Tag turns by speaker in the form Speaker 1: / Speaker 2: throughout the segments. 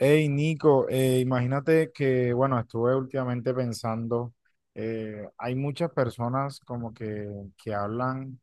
Speaker 1: Hey Nico, imagínate que, bueno, estuve últimamente pensando, hay muchas personas como que hablan,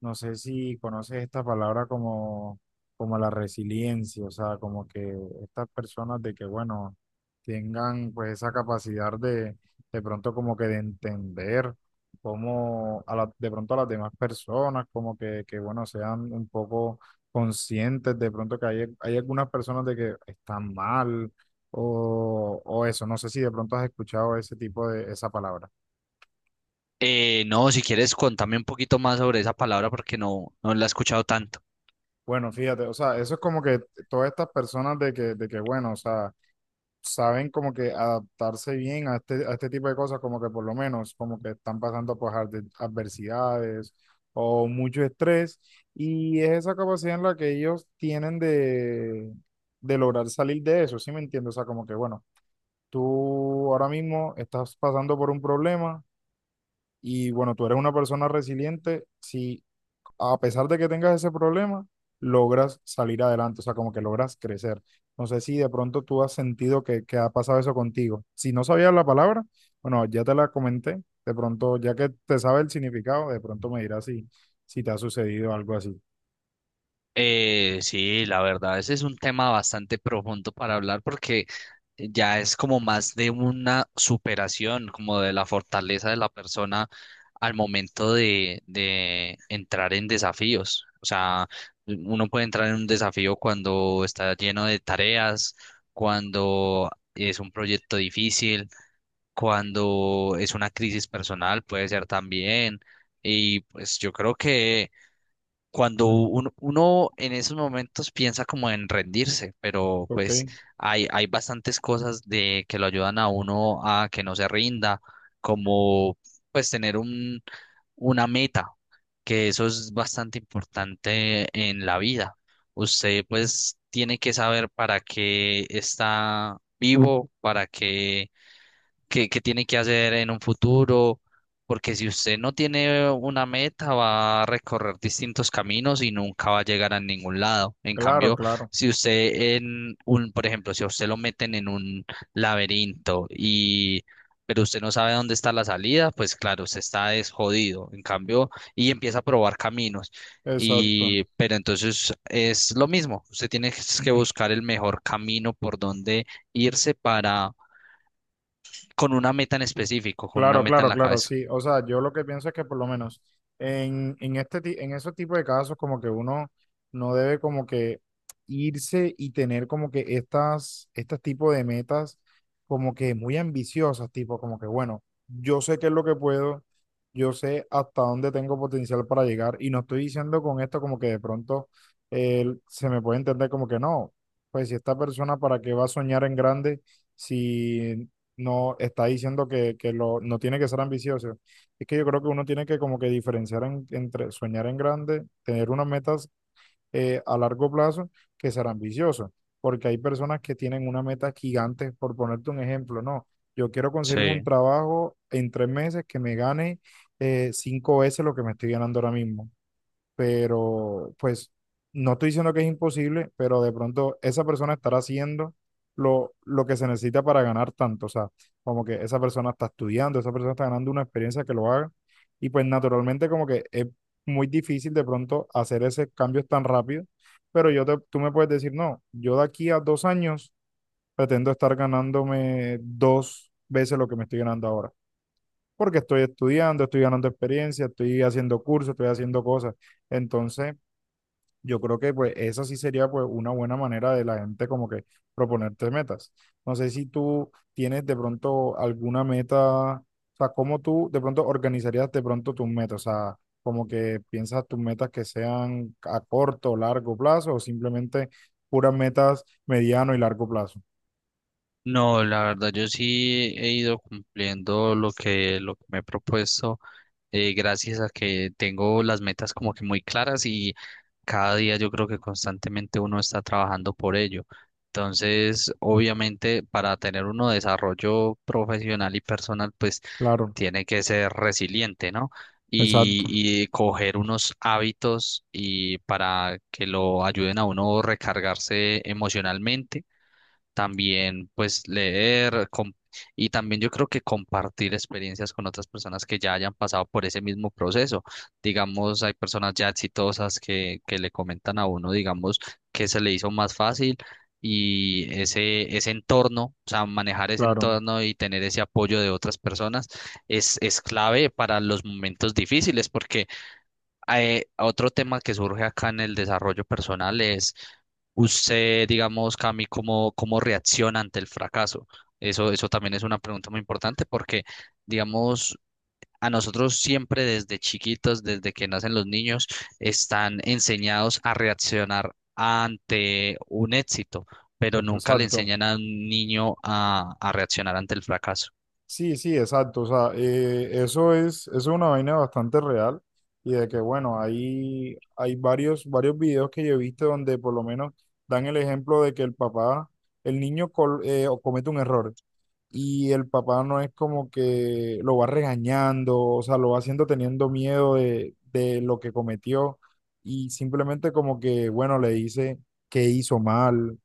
Speaker 1: no sé si conoces esta palabra, como, como la resiliencia, o sea, como que estas personas de que, bueno, tengan pues esa capacidad de pronto como que de entender cómo de pronto a las demás personas, como que bueno, sean un poco conscientes de pronto que hay algunas personas de que están mal o eso. No sé si de pronto has escuchado ese tipo de, esa palabra.
Speaker 2: No, si quieres, contame un poquito más sobre esa palabra porque no la he escuchado tanto.
Speaker 1: Bueno, fíjate, o sea, eso es como que todas estas personas de que bueno, o sea, saben como que adaptarse bien a este tipo de cosas, como que por lo menos, como que están pasando por adversidades o mucho estrés, y es esa capacidad en la que ellos tienen de lograr salir de eso. ¿Sí me entiendes? O sea, como que, bueno, tú ahora mismo estás pasando por un problema y, bueno, tú eres una persona resiliente, sí, a pesar de que tengas ese problema, logras salir adelante, o sea, como que logras crecer. No sé si de pronto tú has sentido que ha pasado eso contigo. Si no sabías la palabra, bueno, ya te la comenté, de pronto, ya que te sabe el significado, de pronto me dirás si te ha sucedido algo así.
Speaker 2: Sí, la verdad, ese es un tema bastante profundo para hablar porque ya es como más de una superación, como de la fortaleza de la persona al momento de entrar en desafíos. O sea, uno puede entrar en un desafío cuando está lleno de tareas, cuando es un proyecto difícil cuando es una crisis personal, puede ser también. Y pues yo creo que cuando uno en esos momentos piensa como en rendirse, pero
Speaker 1: Ok,
Speaker 2: pues hay bastantes cosas de que lo ayudan a uno a que no se rinda, como pues tener una meta, que eso es bastante importante en la vida. Usted pues tiene que saber para qué está vivo, para qué qué tiene que hacer en un futuro, porque si usted no tiene una meta, va a recorrer distintos caminos y nunca va a llegar a ningún lado. En
Speaker 1: claro,
Speaker 2: cambio,
Speaker 1: claro,
Speaker 2: si usted en por ejemplo, si a usted lo meten en un laberinto, pero usted no sabe dónde está la salida, pues claro, usted está desjodido. En cambio, y empieza a probar caminos.
Speaker 1: exacto.
Speaker 2: Pero entonces es lo mismo, usted tiene que buscar el mejor camino por donde irse para con una meta en específico, con una
Speaker 1: Claro,
Speaker 2: meta en
Speaker 1: claro,
Speaker 2: la
Speaker 1: claro,
Speaker 2: cabeza.
Speaker 1: sí. O sea, yo lo que pienso es que por lo menos en este, en esos tipos de casos como que uno no debe como que irse y tener como que estas, estos tipo de metas como que muy ambiciosas, tipo como que bueno, yo sé qué es lo que puedo, yo sé hasta dónde tengo potencial para llegar, y no estoy diciendo con esto como que de pronto, se me puede entender como que no, pues si esta persona para qué va a soñar en grande si no está diciendo que lo, no tiene que ser ambicioso. Es que yo creo que uno tiene que como que diferenciar entre soñar en grande, tener unas metas a largo plazo, que ser ambicioso, porque hay personas que tienen una meta gigante, por ponerte un ejemplo, no, yo quiero conseguirme un
Speaker 2: Sí.
Speaker 1: trabajo en 3 meses que me gane, cinco veces lo que me estoy ganando ahora mismo, pero pues no estoy diciendo que es imposible, pero de pronto esa persona estará haciendo lo que se necesita para ganar tanto, o sea, como que esa persona está estudiando, esa persona está ganando una experiencia que lo haga, y pues naturalmente como que es muy difícil de pronto hacer ese cambio tan rápido, pero yo tú me puedes decir, no, yo de aquí a 2 años pretendo estar ganándome dos veces lo que me estoy ganando ahora. Porque estoy estudiando, estoy ganando experiencia, estoy haciendo cursos, estoy haciendo cosas. Entonces, yo creo que pues esa sí sería pues una buena manera de la gente como que proponerte metas. No sé si tú tienes de pronto alguna meta, o sea, cómo tú de pronto organizarías de pronto tus metas, o sea, como que piensas tus metas que sean a corto o largo plazo, o simplemente puras metas mediano y largo plazo.
Speaker 2: No, la verdad, yo sí he ido cumpliendo lo que me he propuesto, gracias a que tengo las metas como que muy claras y cada día yo creo que constantemente uno está trabajando por ello. Entonces, obviamente, para tener uno desarrollo profesional y personal, pues
Speaker 1: Claro,
Speaker 2: tiene que ser resiliente, ¿no?
Speaker 1: exacto,
Speaker 2: Y coger unos hábitos y para que lo ayuden a uno recargarse emocionalmente también pues leer y también yo creo que compartir experiencias con otras personas que ya hayan pasado por ese mismo proceso. Digamos, hay personas ya exitosas que le comentan a uno, digamos, que se le hizo más fácil y ese entorno, o sea, manejar ese
Speaker 1: claro,
Speaker 2: entorno y tener ese apoyo de otras personas es clave para los momentos difíciles porque otro tema que surge acá en el desarrollo personal es usted, digamos, Cami, cómo reacciona ante el fracaso. Eso también es una pregunta muy importante porque, digamos, a nosotros siempre desde chiquitos, desde que nacen los niños, están enseñados a reaccionar ante un éxito, pero nunca le
Speaker 1: exacto.
Speaker 2: enseñan a un niño a reaccionar ante el fracaso.
Speaker 1: Sí, sí, exacto. O sea, eso es una vaina bastante real, y de que, bueno, hay varios, varios videos que yo he visto donde por lo menos dan el ejemplo de que el papá, el niño o comete un error y el papá no es como que lo va regañando, o sea, lo va haciendo teniendo miedo de lo que cometió, y simplemente como que, bueno, le dice que hizo mal,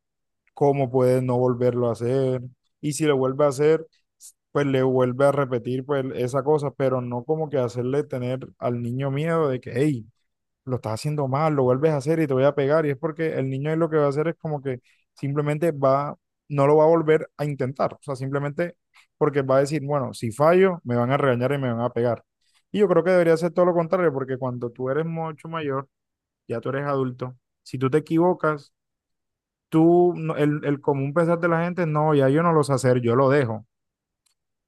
Speaker 1: cómo puede no volverlo a hacer. Y si lo vuelve a hacer, pues le vuelve a repetir pues esa cosa, pero no como que hacerle tener al niño miedo de que, hey, lo estás haciendo mal, lo vuelves a hacer y te voy a pegar. Y es porque el niño ahí lo que va a hacer es como que simplemente va, no lo va a volver a intentar. O sea, simplemente porque va a decir, bueno, si fallo, me van a regañar y me van a pegar. Y yo creo que debería ser todo lo contrario, porque cuando tú eres mucho mayor, ya tú eres adulto, si tú te equivocas, tú, el común pensar de la gente, no, ya yo no lo sé hacer, yo lo dejo.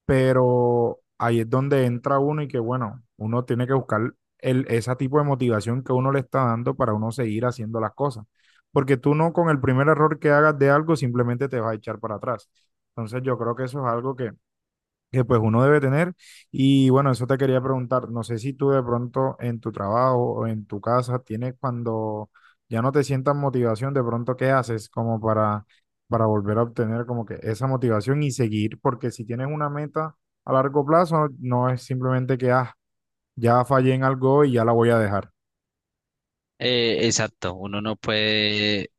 Speaker 1: Pero ahí es donde entra uno y que, bueno, uno tiene que buscar el, ese tipo de motivación que uno le está dando para uno seguir haciendo las cosas. Porque tú no con el primer error que hagas de algo simplemente te vas a echar para atrás. Entonces yo creo que eso es algo que pues uno debe tener. Y bueno, eso te quería preguntar, no sé si tú de pronto en tu trabajo o en tu casa tienes, cuando ya no te sientas motivación, de pronto qué haces como para volver a obtener como que esa motivación y seguir, porque si tienes una meta a largo plazo, no es simplemente que ah, ya fallé en algo y ya la voy a dejar.
Speaker 2: Exacto, uno no puede.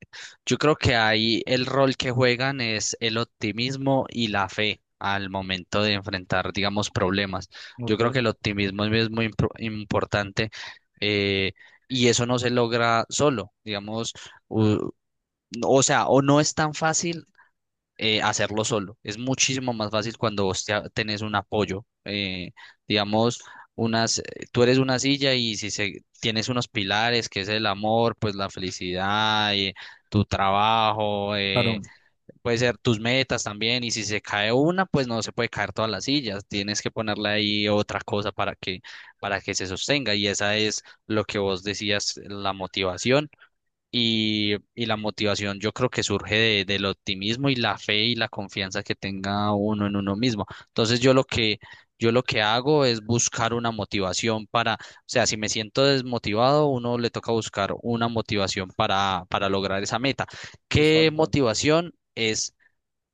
Speaker 2: Yo creo que ahí el rol que juegan es el optimismo y la fe al momento de enfrentar, digamos, problemas. Yo
Speaker 1: Ok.
Speaker 2: creo que el optimismo es muy importante eh, y eso no se logra solo, digamos, u- o sea, o no es tan fácil hacerlo solo. Es muchísimo más fácil cuando vos tenés un apoyo. Digamos, unas, tú eres una silla y si se, tienes unos pilares, que es el amor, pues la felicidad, y tu trabajo,
Speaker 1: Claro.
Speaker 2: puede ser tus metas también. Y si se cae una, pues no se puede caer todas las sillas. Tienes que ponerle ahí otra cosa para que se sostenga. Y esa es lo que vos decías, la motivación y la motivación yo creo que surge del optimismo y la fe y la confianza que tenga uno en uno mismo. Entonces yo lo que hago es buscar una motivación para, o sea, si me siento desmotivado, uno le toca buscar una motivación para lograr esa meta. ¿Qué
Speaker 1: Exacto,
Speaker 2: motivación es?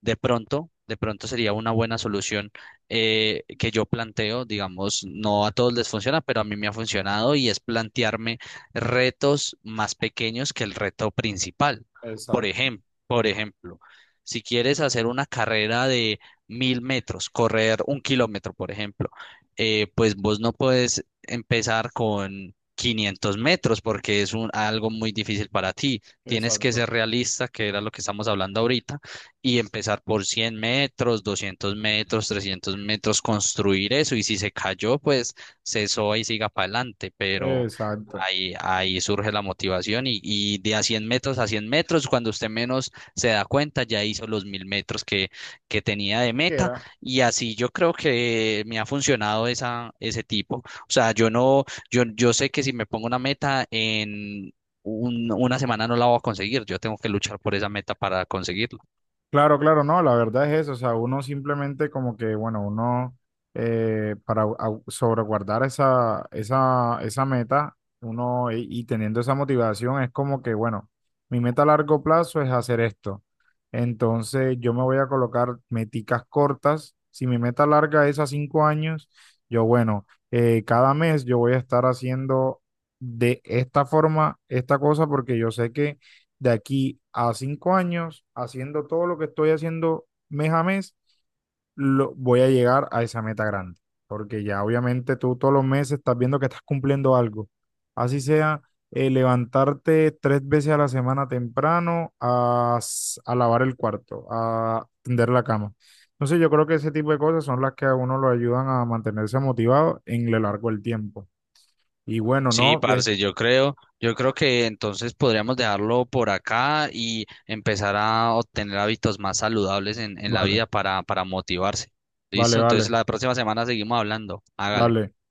Speaker 2: De pronto sería una buena solución que yo planteo, digamos, no a todos les funciona, pero a mí me ha funcionado y es plantearme retos más pequeños que el reto principal.
Speaker 1: exacto,
Speaker 2: Por ejemplo, si quieres hacer una carrera de 1000 metros, correr un kilómetro, por ejemplo, pues vos no puedes empezar con 500 metros porque es algo muy difícil para ti. Tienes
Speaker 1: exacto,
Speaker 2: que
Speaker 1: exacto.
Speaker 2: ser realista, que era lo que estamos hablando ahorita y empezar por 100 metros, 200 metros, 300 metros, construir eso. Y si se cayó, pues cesó y siga para adelante, pero
Speaker 1: Exacto.
Speaker 2: ahí surge la motivación y de a 100 metros a 100 metros, cuando usted menos se da cuenta, ya hizo los 1000 metros que tenía de
Speaker 1: ¿Qué
Speaker 2: meta.
Speaker 1: era?
Speaker 2: Y así yo creo que me ha funcionado ese tipo. O sea, yo sé que si me pongo una meta en... una semana no la voy a conseguir, yo tengo que luchar por esa meta para conseguirla.
Speaker 1: Claro, claro, no, la verdad es eso, o sea, uno simplemente como que, bueno, uno, para sobreguardar esa, esa, esa meta, uno y teniendo esa motivación es como que, bueno, mi meta a largo plazo es hacer esto, entonces yo me voy a colocar meticas cortas, si mi meta larga es a 5 años, yo, bueno, cada mes yo voy a estar haciendo de esta forma esta cosa porque yo sé que de aquí a 5 años, haciendo todo lo que estoy haciendo mes a mes, lo, voy a llegar a esa meta grande. Porque ya obviamente tú todos los meses estás viendo que estás cumpliendo algo. Así sea, levantarte tres veces a la semana temprano a lavar el cuarto, a tender la cama. Entonces yo creo que ese tipo de cosas son las que a uno lo ayudan a mantenerse motivado en lo largo del tiempo. Y bueno,
Speaker 2: Sí,
Speaker 1: no,
Speaker 2: parce, yo creo que entonces podríamos dejarlo por acá y empezar a obtener hábitos más saludables en la
Speaker 1: vale,
Speaker 2: vida para motivarse.
Speaker 1: vale,
Speaker 2: ¿Listo? Entonces
Speaker 1: vale,
Speaker 2: la próxima semana seguimos hablando. Hágale.
Speaker 1: dale.